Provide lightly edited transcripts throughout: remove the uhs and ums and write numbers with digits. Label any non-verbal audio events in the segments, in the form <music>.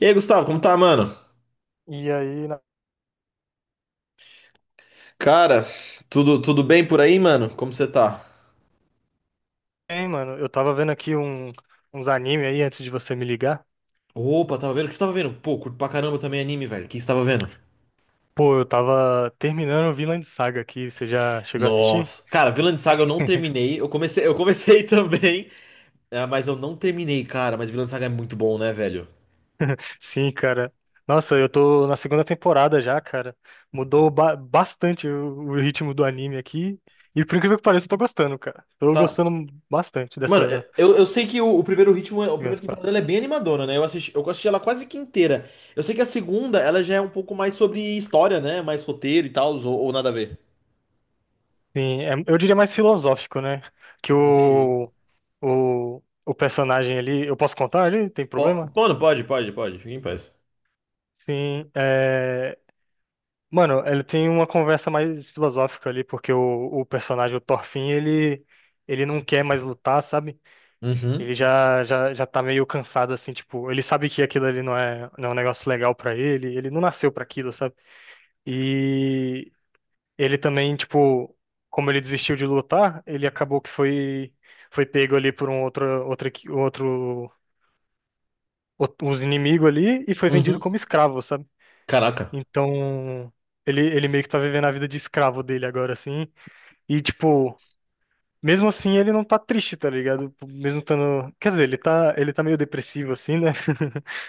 E aí, Gustavo, como tá, mano? E aí, Cara, tudo bem por aí, mano? Como você tá? hein, mano, eu tava vendo aqui uns anime aí antes de você me ligar. Opa, tava vendo? O que você tava vendo? Pô, curto pra caramba também anime, velho. O que você tava vendo? Pô, eu tava terminando o Vinland Saga aqui. Você já chegou a assistir? Nossa. Cara, Vinland Saga eu não <laughs> terminei. Eu comecei <laughs> também, é, mas eu não terminei, cara. Mas Vinland Saga é muito bom, né, velho? Sim, cara. Nossa, eu tô na segunda temporada já, cara. Mudou bastante o ritmo do anime aqui. E por incrível que pareça, eu tô gostando, cara. Tô Tá. gostando bastante Mano, dessa eu sei que o primeiro ritmo, o segunda primeiro temporada. temporada ela é bem animadona, né? Eu assisti ela quase que inteira. Eu sei que a segunda, ela já é um pouco mais sobre história, né? Mais roteiro e tal, ou nada a ver. Sim, eu diria mais filosófico, né? Que Entendi. o personagem ali. Eu posso contar ali? Tem problema? Mano, pode, pode, pode. Fica em paz. Sim, é. Mano, ele tem uma conversa mais filosófica ali, porque o personagem, o Thorfinn, ele não quer mais lutar, sabe? Ele Uhum, já tá meio cansado, assim, tipo, ele sabe que aquilo ali não é um negócio legal pra ele, ele não nasceu pra aquilo, sabe? E ele também, tipo, como ele desistiu de lutar, ele acabou que foi pego ali por um outro, outro, equi- outro, outro, uns inimigos ali e foi vendido uhum. como escravo, sabe? Caraca, Então, ele meio que tá vivendo a vida de escravo dele agora, assim. E, tipo, mesmo assim ele não tá triste, tá ligado? Mesmo estando. Quer dizer, ele tá meio depressivo, assim, né? <laughs>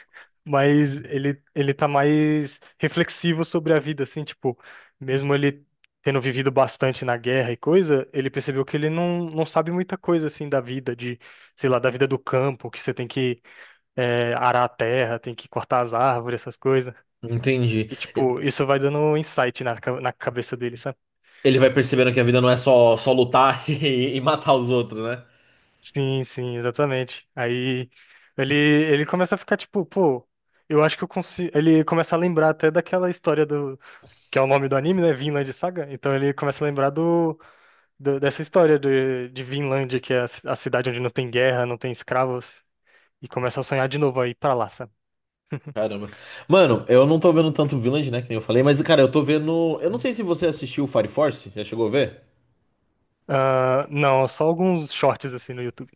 Mas ele tá mais reflexivo sobre a vida, assim, tipo, mesmo ele tendo vivido bastante na guerra e coisa, ele percebeu que ele não sabe muita coisa, assim, da vida, de, sei lá, da vida do campo, que você tem que arar a terra, tem que cortar as árvores, essas coisas. entendi. E, E- tipo, isso vai dando um insight na cabeça dele, sabe? Ele vai percebendo que a vida não é só, só lutar <laughs> e matar os outros, né? Sim, sim, exatamente. Aí ele começa a ficar tipo, pô, eu acho que eu consigo. Ele começa a lembrar até daquela história do. Que é o nome do anime, né? Vinland Saga. Então ele começa a lembrar dessa história de Vinland, que é a cidade onde não tem guerra, não tem escravos. E começa a sonhar de novo aí pra lá, sabe? Caramba. Mano, eu não tô vendo tanto Village, né? Que nem eu falei, mas, cara, eu tô vendo. Eu não Sim. sei se você assistiu Fire Force, já chegou a ver? Ah, não, só alguns shorts assim no YouTube.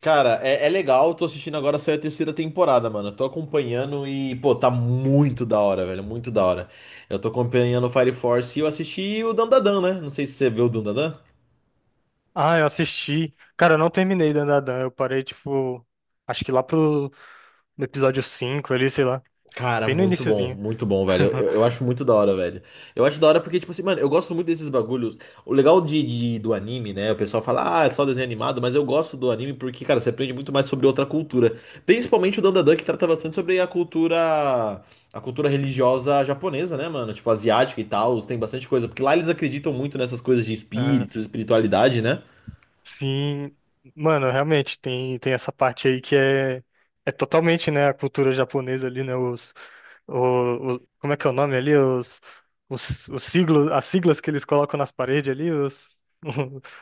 Cara, é, é legal, eu tô assistindo agora, saiu a terceira temporada, mano. Eu tô acompanhando e, pô, tá muito da hora, velho, muito da hora. Eu tô acompanhando o Fire Force e eu assisti o Dandadan, né? Não sei se você viu o Dandadan. Ah, eu assisti. Cara, eu não terminei Dan Dan. Eu parei, tipo, acho que lá pro no episódio 5 ali, sei lá. Cara, Bem no iniciozinho. muito bom, velho. Eu, eu <laughs> eu acho muito da hora, velho. Eu acho da hora porque, tipo assim, mano, eu gosto muito desses bagulhos. O legal de, do anime, né? O pessoal fala, ah, é só desenho animado, mas eu gosto do anime porque, cara, você aprende muito mais sobre outra cultura. Principalmente o Dandadan, que trata bastante sobre a cultura religiosa japonesa, né, mano? Tipo, asiática e tal, tem bastante coisa. Porque lá eles acreditam muito nessas coisas de espírito, Ah, espiritualidade, né? sim, mano, realmente tem essa parte aí que é totalmente, né, a cultura japonesa ali, né, como é que é o nome ali, os siglos, as siglas que eles colocam nas paredes ali, <laughs>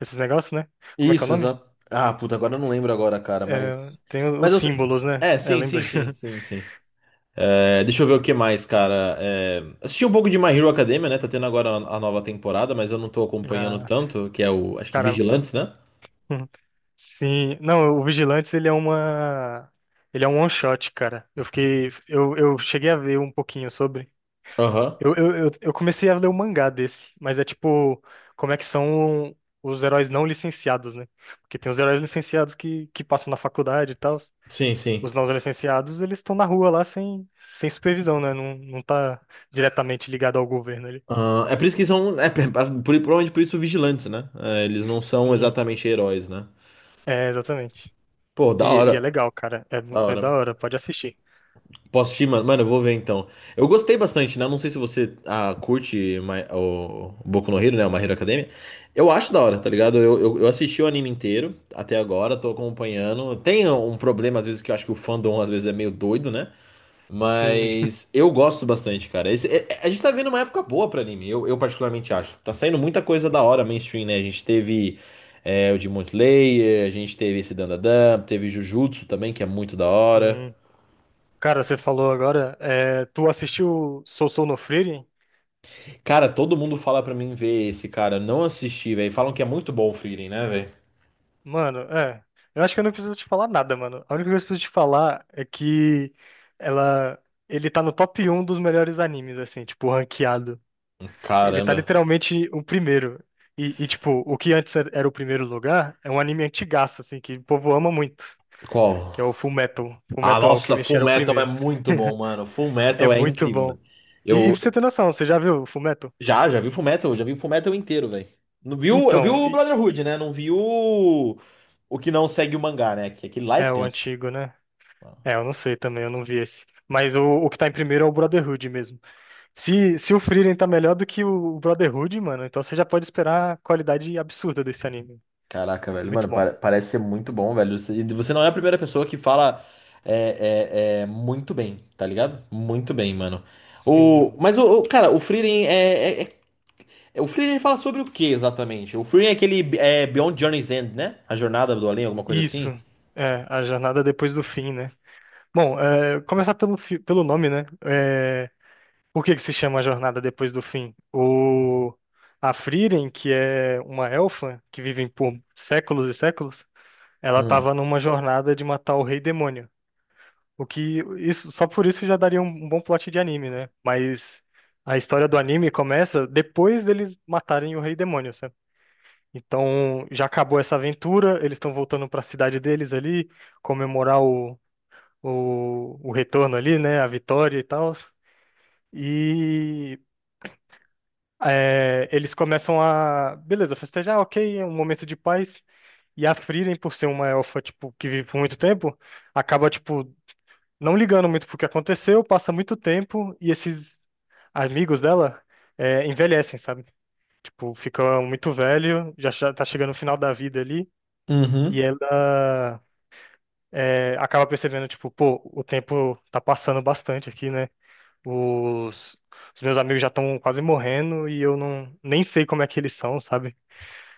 esses negócios, né, como é que é o Isso, nome? exato. Ah, puta, agora eu não lembro agora, cara, É, mas. tem Mas os eu sei- símbolos, né, É, é, sim, sim, lembrei, sim, <laughs> sim, sim. É, deixa eu ver o que mais, cara. É, assisti um pouco de My Hero Academia, né? Tá tendo agora a nova temporada, mas eu não tô acompanhando ah, tanto, que é o, acho que cara, Vigilantes, né? hum, sim, não, o Vigilantes, ele é um one-shot, cara, eu cheguei a ver um pouquinho sobre, Aham. Eu comecei a ler o mangá desse, mas é tipo, como é que são os heróis não licenciados, né? Porque tem os heróis licenciados que passam na faculdade e tal. Sim, Os sim. não licenciados, eles estão na rua lá sem supervisão, né? Não, não tá diretamente ligado ao governo ali. Ah, é por isso que são, é, provavelmente por isso vigilantes, né? É, eles não são Sim, exatamente heróis, né? é, exatamente. Pô, E, da e é hora. legal, cara. Da É da hora. hora, pode assistir. Posso assistir, mano? Mano, eu vou ver então. Eu gostei bastante, né? Não sei se você ah, curte o Boku no Hero, né? O My Hero Academia. Eu acho da hora, tá ligado? Eu assisti o anime inteiro até agora, tô acompanhando. Tem um problema, às vezes, que eu acho que o fandom às vezes é meio doido, né? Sim. Mas eu gosto bastante, cara. A gente tá vendo uma época boa pra anime, eu particularmente acho. Tá saindo muita coisa da hora mainstream, né? A gente teve é, o Demon Slayer, a gente teve esse Dandadan, teve Jujutsu também, que é muito da hora. Hum. Cara, você falou agora, tu assistiu Sousou no Frieren? Cara, todo mundo fala pra mim ver esse cara. Eu não assisti, velho. Falam que é muito bom o Frieren, né, velho? Mano, é. Eu acho que eu não preciso te falar nada, mano. A única coisa que eu preciso te falar é que ela, ele tá no top 1 dos melhores animes, assim, tipo, ranqueado. Ele tá Caramba. literalmente o primeiro. E, tipo, o que antes era o primeiro lugar é um anime antigaço, assim, que o povo ama muito, Qual? que é o Fullmetal. Ah, Fullmetal nossa, Alchemist Full era o Metal é primeiro. muito bom, <laughs> mano. Full É Metal é muito incrível, bom. velho. E pra Eu você ter noção, você já viu o Fullmetal? já, já vi Full Metal, já vi Full Metal inteiro, velho. Não viu, eu vi Então, o Brotherhood, né? Não vi o que não segue o mangá, né? Que aquele lá é é o tenso. antigo, né? É, eu não sei também, eu não vi esse. Mas o que tá em primeiro é o Brotherhood mesmo. Se o Frieren tá melhor do que o Brotherhood, mano, então você já pode esperar a qualidade absurda desse anime. Caraca, É velho, muito mano, bom. Parece ser muito bom, velho. Você- E você não é a primeira pessoa que fala é, é, é, muito bem, tá ligado? Muito bem, mano. O, Sim. mas, o, cara, o Frieren é, o Frieren fala sobre o que exatamente? O Frieren é aquele é, Beyond Journey's End, né? A Jornada do Além, alguma coisa Isso. assim? É, a jornada depois do fim, né? Bom, é, começar pelo nome, né? É, por que que se chama a jornada depois do fim? A Frieren, que é uma elfa que vive por séculos e séculos, ela Hum. tava numa jornada de matar o rei demônio. O que isso só por isso já daria um bom plot de anime, né? Mas a história do anime começa depois deles matarem o Rei Demônio, sabe? Então já acabou essa aventura, eles estão voltando para a cidade deles ali, comemorar o retorno ali, né? A vitória e tal. E eles começam a, beleza, festejar, ok, é um momento de paz. E a Frieren, por ser uma elfa, tipo, que vive por muito tempo, acaba, tipo, não ligando muito pro que aconteceu, passa muito tempo e esses amigos dela envelhecem, sabe? Tipo, ficam muito velho, já tá chegando no final da vida ali e Uhum, ela acaba percebendo, tipo, pô, o tempo tá passando bastante aqui, né? Os, os meus amigos já estão quase morrendo e eu não nem sei como é que eles são, sabe?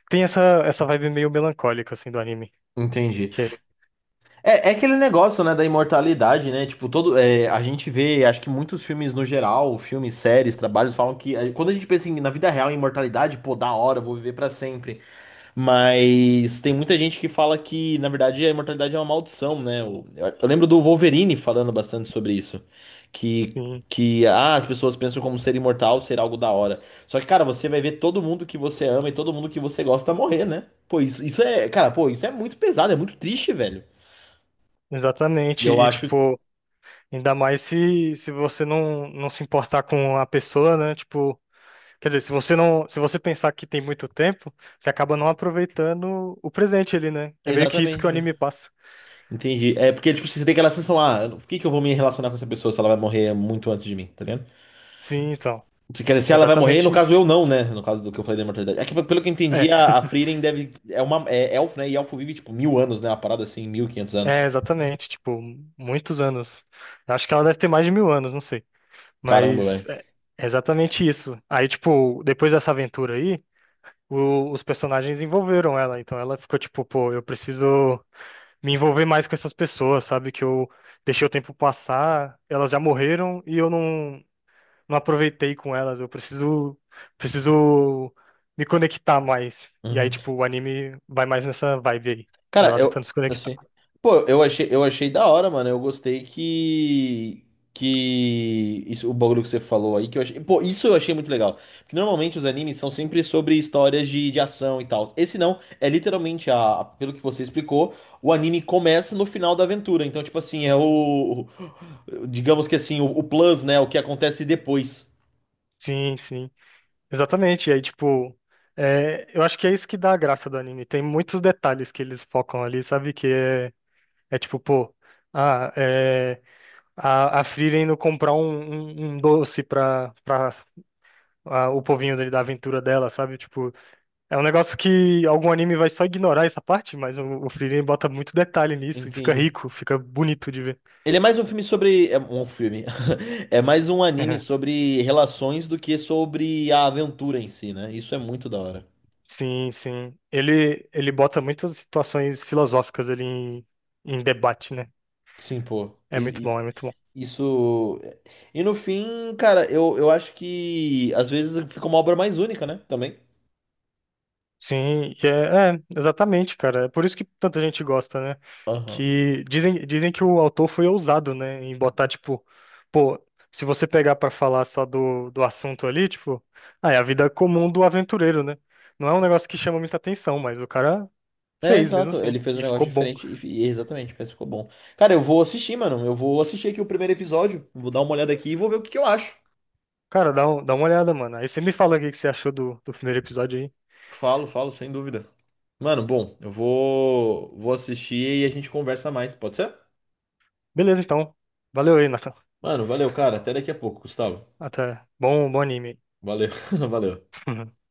Tem essa vibe meio melancólica assim do anime, entendi. que é, É, é aquele negócio, né, da imortalidade, né? Tipo, todo, é, a gente vê, acho que muitos filmes no geral, filmes, séries, trabalhos, falam que é, quando a gente pensa em, na vida real, em imortalidade, pô, da hora, eu vou viver pra sempre. Mas tem muita gente que fala que, na verdade, a imortalidade é uma maldição, né? Eu lembro do Wolverine falando bastante sobre isso. Que, sim, que ah, as pessoas pensam como ser imortal ser algo da hora. Só que, cara, você vai ver todo mundo que você ama e todo mundo que você gosta morrer, né? Pô, isso é, cara, pô, isso é muito pesado, é muito triste, velho. E exatamente. eu E acho. tipo. Ainda mais se você não se importar com a pessoa, né? Tipo, quer dizer, se você pensar que tem muito tempo, você acaba não aproveitando o presente ali, né? É meio que isso que o Exatamente. anime É. passa. Entendi. É porque, tipo, você tem aquela sensação, ah, por que que eu vou me relacionar com essa pessoa se ela vai morrer muito antes de mim, tá ligado? Sim, então, Se, quer dizer, se ela vai morrer, no exatamente caso isso. eu não, né? No caso do que eu falei da imortalidade. É que, pelo que eu entendi, É, a Frieren deve. É uma é elfo, né? E elfo vive, tipo, 1000 anos, né? Uma parada assim, 1500 anos. é exatamente, tipo, muitos anos. Eu acho que ela deve ter mais de mil anos, não sei. Caramba, Mas velho. é exatamente isso. Aí, tipo, depois dessa aventura aí, os personagens envolveram ela. Então ela ficou tipo, pô, eu preciso me envolver mais com essas pessoas, sabe? Que eu deixei o tempo passar, elas já morreram e eu não aproveitei com elas. Eu preciso me conectar mais. E aí, Uhum. tipo, o anime vai mais nessa vibe aí, Cara, dela eu, tentando se conectar. assim, pô, eu achei da hora, mano. Eu gostei que isso, o bagulho que você falou aí que eu achei, pô, isso eu achei muito legal. Porque normalmente os animes são sempre sobre histórias de ação e tal. Esse não, é literalmente a, pelo que você explicou, o anime começa no final da aventura. Então, tipo assim, é o, digamos que assim, o plus, né, o que acontece depois. Sim, sim, exatamente. E aí, tipo, eu acho que é isso que dá a graça do anime. Tem muitos detalhes que eles focam ali, sabe? Que é tipo, pô. Ah, é, a Frieren indo comprar um doce pra o povinho dele da aventura dela, sabe? Tipo, é um negócio que algum anime vai só ignorar essa parte, mas o Frieren bota muito detalhe nisso e fica Entendi. rico, fica bonito de ver. Ele é mais um filme sobre. É um filme. <laughs> É mais um anime <laughs> sobre relações do que sobre a aventura em si, né? Isso é muito da hora. Sim, sim. Ele bota muitas situações filosóficas ali em debate, né? Sim, pô. É muito bom, é muito bom. Isso. E no fim, cara, eu acho que às vezes fica uma obra mais única, né? Também. Sim, e é, exatamente, cara. É por isso que tanta gente gosta, né? Aham. Que dizem que o autor foi ousado, né? Em botar, tipo, pô, se você pegar pra falar só do assunto ali, tipo, ah, é a vida comum do aventureiro, né? Não é um negócio que chama muita atenção, mas o cara É, fez mesmo exato. assim, Ele fez um e negócio ficou bom. diferente e exatamente, parece que ficou bom. Cara, eu vou assistir, mano. Eu vou assistir aqui o primeiro episódio. Vou dar uma olhada aqui e vou ver o que que eu acho. Cara, dá uma olhada, mano. Aí você me fala o que que você achou do primeiro episódio aí. Falo, falo, sem dúvida. Mano, bom, eu vou, vou assistir e a gente conversa mais, pode ser? Beleza, então. Valeu aí, Nathan. Mano, valeu, cara. Até daqui a pouco, Gustavo. Até. Bom, bom anime. Valeu, <laughs> valeu. Aí. <laughs>